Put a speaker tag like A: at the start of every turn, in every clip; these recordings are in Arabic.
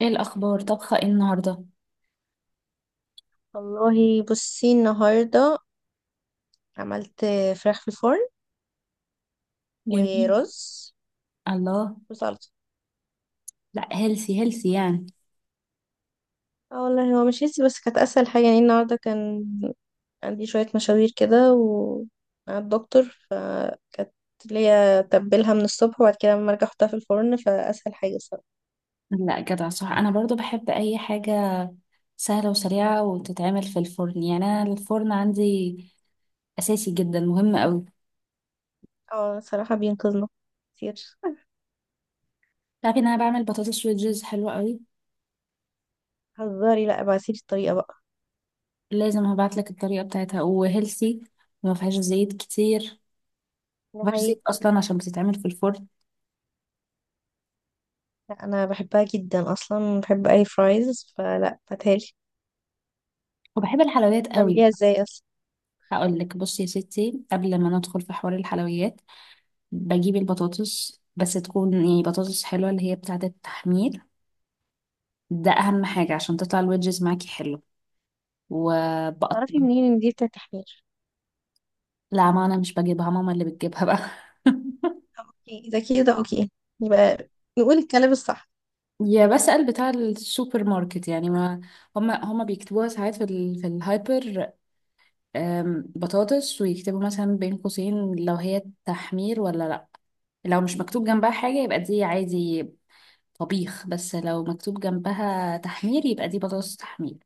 A: ايه الاخبار؟ طبخه ايه النهارده؟
B: والله بصي النهاردة عملت فراخ في الفرن،
A: جميل.
B: ورز،
A: الله.
B: وسلطة.
A: لا، هيلسي هيلسي يعني.
B: اه والله هو مش هيسي، بس كانت أسهل حاجة. يعني النهاردة كان عندي شوية مشاوير كده و مع الدكتور، فكانت ليا تبلها من الصبح وبعد كده لما ارجع احطها في الفرن، فأسهل حاجة الصراحة.
A: لا، جدع، صح. انا برضو بحب اي حاجه سهله وسريعه وتتعمل في الفرن. يعني انا الفرن عندي اساسي جدا، مهم قوي.
B: اه، صراحة بينقذنا كتير.
A: تعرفي ان انا بعمل بطاطس ويدجز حلوه قوي؟
B: هزاري، لا ابعتيلي الطريقة بقى.
A: لازم هبعت لك الطريقه بتاعتها، وهيلسي، وما فيهاش زيت كتير.
B: ده
A: ما فيهاش زيت
B: حقيقي.
A: اصلا عشان بتتعمل في الفرن.
B: لا أنا بحبها جدا أصلا، بحب أي فرايز، فلا هاتهالي.
A: وبحب الحلويات قوي.
B: تعمليها ازاي أصلا؟
A: هقول لك. بصي يا ستي، قبل ما ندخل في حوار الحلويات، بجيب البطاطس بس تكون يعني بطاطس حلوة، اللي هي بتاعة التحمير. ده أهم حاجة عشان تطلع الويدجز معاكي حلو. وبقطع.
B: تعرفي منين ان دي بتاعت تحمير؟
A: لا، ما أنا مش بجيبها، ماما اللي بتجيبها بقى.
B: ده كده اوكي. يبقى نقول الكلام الصح.
A: يا بسأل بتاع السوبر ماركت، يعني ما هما بيكتبوها ساعات في الهايبر، بطاطس، ويكتبوا مثلا بين قوسين لو هي تحمير ولا لأ. لو مش مكتوب جنبها حاجة يبقى دي عادي، طبيخ. بس لو مكتوب جنبها تحمير يبقى دي بطاطس تحمير.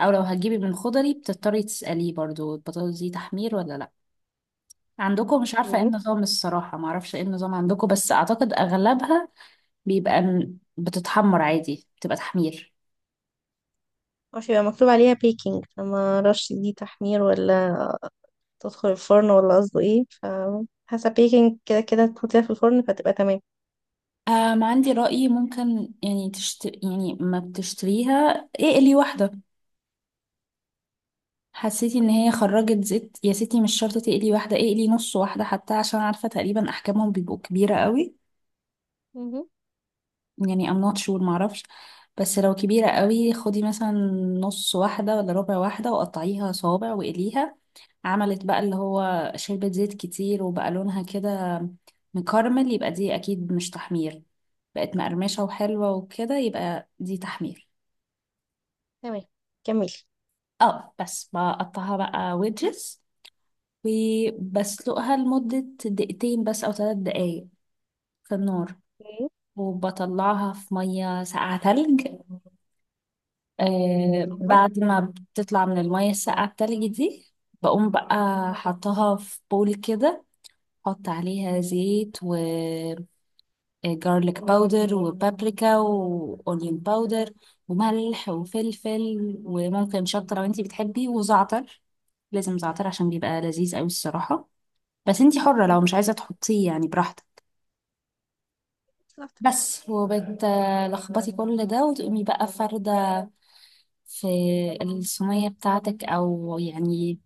A: او لو هتجيبي من خضري، بتضطري تسأليه برضو، البطاطس دي تحمير ولا لا. عندكم، مش عارفة ايه
B: اوكي.
A: النظام الصراحة، ما اعرفش ايه النظام عندكم، بس اعتقد اغلبها بيبقى بتتحمر عادي، بتبقى تحمير.
B: مش يبقى مكتوب عليها بيكنج، فما اعرفش دي تحمير ولا تدخل الفرن ولا قصده ايه، فحسب بيكنج كده كده تحطيها في الفرن فتبقى تمام.
A: عندي رأيي ممكن، يعني يعني ما بتشتريها، اقلي واحدة. حسيتي ان هي خرجت زيت يا ستي، مش شرط تقلي واحدة، اقلي نص واحدة حتى، عشان عارفة تقريبا احجامهم بيبقوا كبيرة قوي.
B: مهم.
A: يعني I'm not sure، معرفش. بس لو كبيرة قوي، خدي مثلا نص واحدة ولا ربع واحدة، وقطعيها صوابع وقليها. عملت بقى اللي هو شربت زيت كتير وبقى لونها كده مكرمل، يبقى دي أكيد مش تحمير. بقت مقرمشة وحلوة وكده، يبقى دي تحمير.
B: تمام، كملي.
A: اه، بس بقطعها بقى ويدجز، وبسلقها لمدة دقيقتين بس أو 3 دقايق في النار.
B: اوكي.
A: وبطلعها في مية ساقعة تلج. آه،
B: اتفضل.
A: بعد ما بتطلع من المية الساقعة التلج دي، بقوم بقى حطها في بول كده. حط عليها زيت وجارليك باودر وبابريكا وأونيون باودر وملح وفلفل وممكن شطة لو انتي بتحبي، وزعتر. لازم زعتر عشان بيبقى لذيذ قوي الصراحة. بس انتي حرة لو مش عايزة تحطيه، يعني براحتك.
B: بالظبط.
A: بس، وبتلخبطي كل ده وتقومي بقى فاردة في الصينية بتاعتك، أو يعني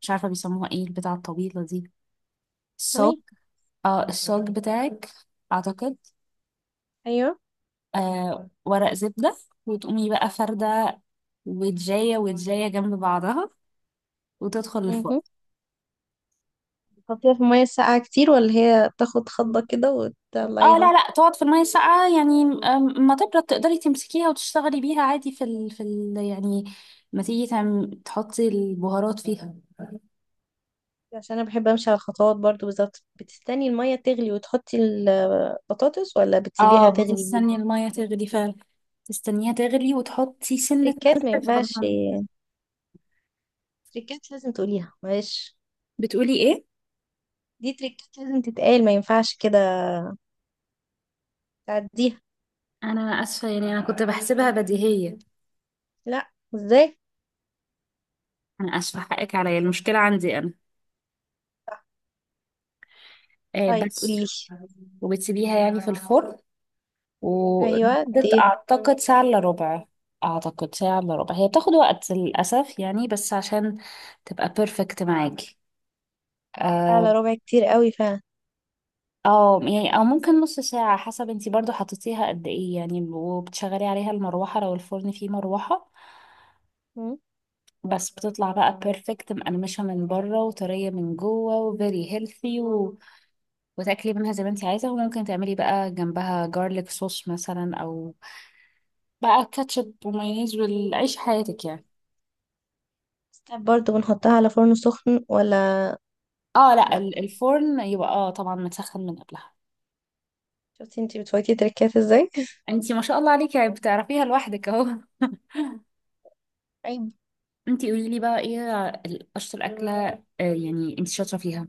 A: مش عارفة بيسموها ايه البتاعة الطويلة دي، الصاج.
B: صينية.
A: اه، الصاج بتاعك اعتقد.
B: ايوه.
A: آه، ورق زبدة. وتقومي بقى فردة، ودجاية ودجاية جنب بعضها، وتدخل الفرن.
B: مهم. تحطيها في المية الساقعة كتير ولا هي بتاخد خضة كده
A: اه لا
B: وتطلعيها؟
A: لا، تقعد في المية الساقعة يعني، ما تبرد تقدري تمسكيها وتشتغلي بيها عادي يعني ما تيجي تحطي البهارات فيها.
B: عشان انا بحب امشي على الخطوات برضو بالظبط. بتستني المية تغلي وتحطي البطاطس ولا
A: اه،
B: بتسيبيها تغلي؟
A: بتستني المية تغلي فعلا، تستنيها تغلي وتحطي سنة
B: تريكات ما
A: ملح
B: ينفعش.
A: صغننة.
B: تريكات لازم تقوليها معلش.
A: بتقولي ايه؟
B: دي تريكات لازم تتقال، ما ينفعش كده تعديها.
A: انا اسفه، يعني انا كنت بحسبها بديهيه.
B: لا، ازاي؟
A: انا اسفه، حقك عليا، المشكله عندي انا.
B: صح.
A: آه،
B: طيب،
A: بس.
B: قوليلي.
A: وبتسيبيها يعني في الفرن،
B: ايوه دي.
A: وحطت اعتقد ساعه الا ربع. اعتقد ساعه الا ربع، هي بتاخد وقت للاسف يعني، بس عشان تبقى بيرفكت معاكي. اه.
B: على ربع كتير قوي فعلا.
A: أو يعني، او ممكن نص ساعه حسب انتي برضو حطيتيها قد ايه يعني، وبتشغلي عليها المروحه لو الفرن فيه مروحه.
B: مم.
A: بس بتطلع بقى بيرفكت، مقرمشه من بره وطريه من جوه، وفيري هيلثي. وتاكلي منها زي ما انت عايزه، وممكن تعملي بقى جنبها جارليك صوص مثلا، او بقى كاتشب ومايونيز، والعيش حياتك يعني.
B: ستاب، برضه بنحطها على فرن سخن ولا؟
A: اه لا،
B: لا.
A: الفرن يبقى اه طبعا متسخن من قبلها.
B: شفتي انتي بتفوتي تريكات ازاي.
A: انت ما شاء الله عليكي، يعني بتعرفيها لوحدك اهو.
B: طيب.
A: انت قولي لي بقى، ايه اشطر اكله، يعني انت شاطره فيها؟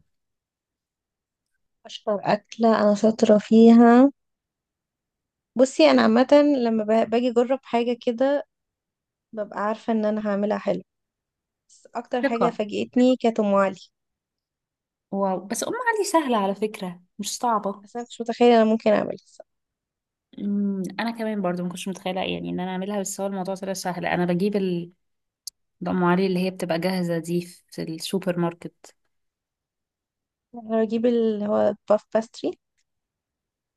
B: اشطر اكله انا شاطره فيها. بصي، انا عامه لما باجي اجرب حاجه كده ببقى عارفه ان انا هعملها حلو. بس اكتر حاجه
A: ثقه.
B: فاجئتني كانت ام علي.
A: واو، بس ام علي سهله على فكره، مش صعبه.
B: بس انا مش متخيله انا ممكن اعملها.
A: انا كمان برضو ما كنتش متخيله يعني ان انا اعملها، بس هو الموضوع طلع سهل. انا بجيب ام علي اللي هي بتبقى جاهزه دي في السوبر ماركت.
B: اجيب اللي هو باف باستري.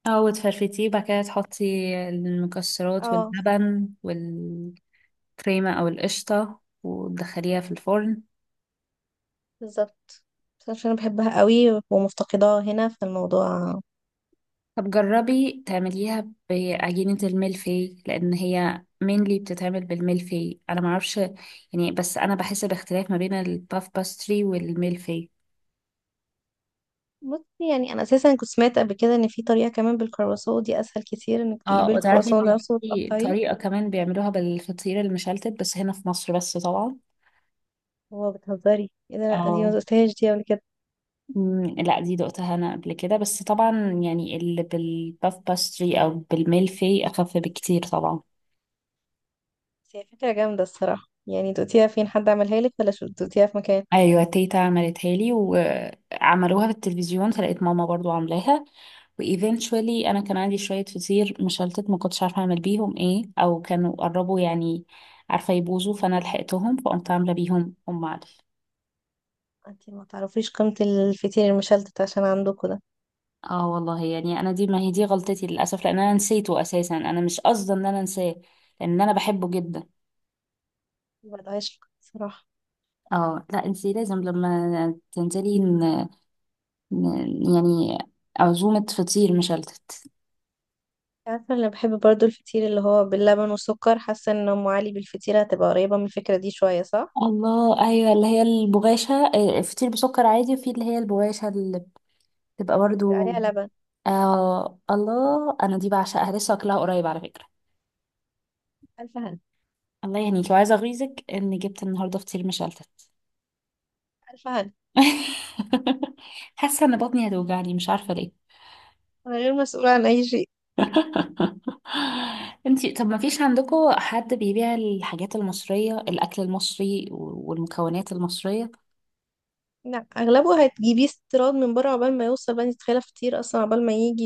A: اه، وتفرفتيه بعد كده تحطي المكسرات
B: اه.
A: واللبن والكريمة، أو القشطة، وتدخليها في الفرن.
B: بالظبط. بس عشان انا بحبها قوي ومفتقداها هنا في الموضوع.
A: طب جربي تعمليها بعجينة الملفي، لأن هي mainly بتتعمل بالملفي، أنا معرفش يعني، بس أنا بحس باختلاف ما بين الباف باستري والملفي.
B: بصي، يعني انا اساسا كنت سمعت قبل كده ان في طريقه كمان بالكرواسون. دي اسهل كتير انك تجيبي
A: اه، وتعرفي
B: الكرواسون ده
A: إن
B: نفسه
A: في
B: وتقطعيه.
A: طريقة كمان بيعملوها بالفطير المشلتت، بس هنا في مصر بس طبعا.
B: هو بتهزري ايه ده؟ لا دي ما
A: اه.
B: دقتهاش دي قبل كده.
A: لا، دي دقتها انا قبل كده بس طبعا، يعني اللي بالباف باستري او بالميلفي اخف بكتير طبعا.
B: بس هي فكره جامده الصراحه، يعني دقتيها فين؟ حد عملها لك ولا شو دقتيها في مكان؟
A: ايوه، تيتا عملتها لي وعملوها في التلفزيون، فلقيت ماما برضو عاملاها. وايفينشولي، انا كان عندي شويه فطير مشلتت ما كنتش عارفه اعمل بيهم ايه، او كانوا قربوا يعني عارفه يبوظوا، فانا لحقتهم فقمت عامله بيهم ام علي.
B: انت ما تعرفيش قيمه الفطير المشلتت عشان عندكم ده.
A: اه والله يعني، انا دي، ما هي دي غلطتي للاسف لان انا نسيته اساسا، انا مش قصدي ان انا انساه، لان انا بحبه جدا.
B: ما بقدرش الصراحه.
A: اه لا، انتي لازم لما تنزلي ن... يعني، عزومة فطير مشلتت.
B: عارفة أنا بحب برضو الفطير اللي هو باللبن والسكر، حاسة إن أم علي بالفطيرة هتبقى قريبة من الفكرة دي شوية، صح؟
A: الله، ايوه، اللي هي البغاشة، فطير بسكر عادي، وفي اللي هي البغاشة اللي بتبقى
B: بيبقى
A: برضو.
B: عليها لبن.
A: آه، الله، انا دي بعشقها، لسه واكلها قريب على فكرة.
B: ألف هنا.
A: الله يهنيك، وعايزة اغيظك ان جبت النهاردة فطير مشلتت.
B: ألف هنا.
A: حاسة ان بطني هتوجعني، مش عارفة ليه.
B: أنا غير مسؤولة عن أي شيء.
A: انتي، طب ما فيش عندكم حد بيبيع الحاجات المصرية، الأكل المصري والمكونات المصرية؟
B: لا، أغلبه هتجيبيه استيراد من بره. عقبال ما يوصل بقى تتخيلها فطير أصلا، عقبال ما يجي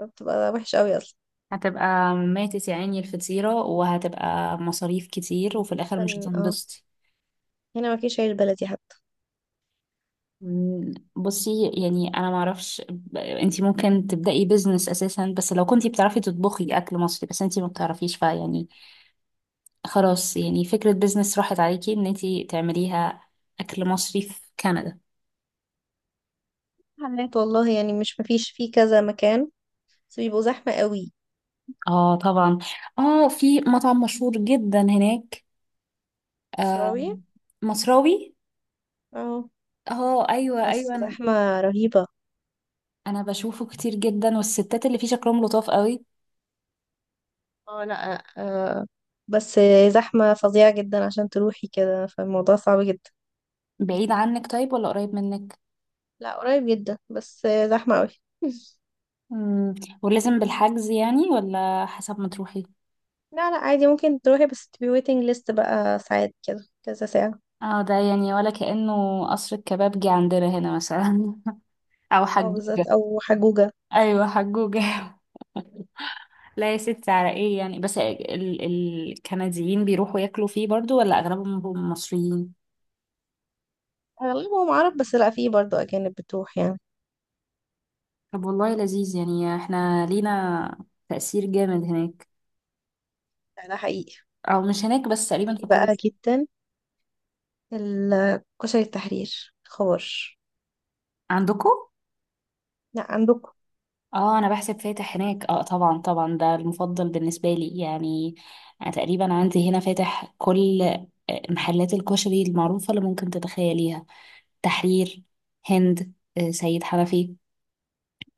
B: بتبقى وحشة أوي أصلا.
A: هتبقى ماتت يا عيني الفطيرة، وهتبقى مصاريف كتير وفي الآخر مش
B: كان- اه
A: هتنبسطي.
B: هنا مفيش عيش بلدي حتى.
A: بصي يعني، أنا معرفش انتي ممكن تبدأي بيزنس أساسا، بس لو كنتي بتعرفي تطبخي أكل مصري، بس انتي ما بتعرفيش فيعني، خلاص يعني، فكرة بيزنس راحت عليكي إن انتي تعمليها، أكل مصري في كندا.
B: حلات والله، يعني مش مفيش فيه كذا مكان، بس بيبقوا زحمة قوي.
A: اه طبعا. اه، في مطعم مشهور جدا هناك، آه
B: شراوي.
A: مصراوي.
B: اه
A: اه ايوه
B: بس
A: ايوه، انا
B: زحمة رهيبة.
A: أنا بشوفه كتير جدا، والستات اللي فيه شكلهم لطاف قوي.
B: اه، لا، آه، بس زحمة فظيعة جدا عشان تروحي كده فالموضوع صعب جدا.
A: بعيد عنك طيب ولا قريب منك؟
B: لا قريب جدا، بس زحمة قوي.
A: مم. ولازم بالحجز يعني ولا حسب ما تروحي؟
B: لا لا عادي ممكن تروحي، بس تبقي waiting list بقى ساعات، كده كذا ساعة.
A: اه، ده يعني ولا كأنه قصر الكبابجي عندنا هنا مثلا. او
B: أو بالذات
A: حجوجة.
B: أو حجوجة.
A: ايوه، حجوجة. لا يا ستي، على ايه يعني، بس الكنديين بيروحوا ياكلوا فيه برضو ولا اغلبهم مصريين؟
B: أغلبهم عرب، بس لا في برضه أجانب بتروح يعني.
A: طب والله لذيذ يعني، احنا لينا تأثير جامد هناك.
B: لا ده حقيقي.
A: او مش هناك بس، تقريبا في
B: في
A: كل
B: بقى جدا كشري التحرير خبر.
A: عندكم.
B: لا عندكم.
A: اه، انا بحسب فاتح هناك، اه طبعا طبعا، ده المفضل بالنسبة لي يعني. أنا تقريبا عندي هنا فاتح كل محلات الكشري المعروفة اللي ممكن تتخيليها. تحرير، هند، سيد حنفي.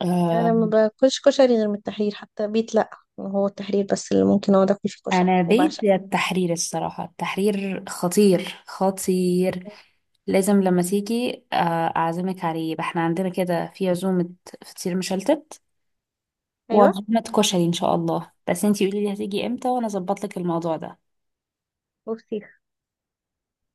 A: آه،
B: أنا ما باكلش كشري غير من التحرير، حتى بيت لا. هو التحرير بس اللي ممكن أقعد أكل فيه كشري
A: انا بيت
B: وبعشق.
A: التحرير الصراحه، التحرير خطير خطير. لازم لما تيجي، اعزمك عليه، يبقى احنا عندنا كده في عزومه فطير مشلتت
B: أيوة،
A: وعزومه كشري ان شاء الله. بس انتي قولي لي هتيجي امتى وانا اظبط لك الموضوع ده.
B: وفسيخ.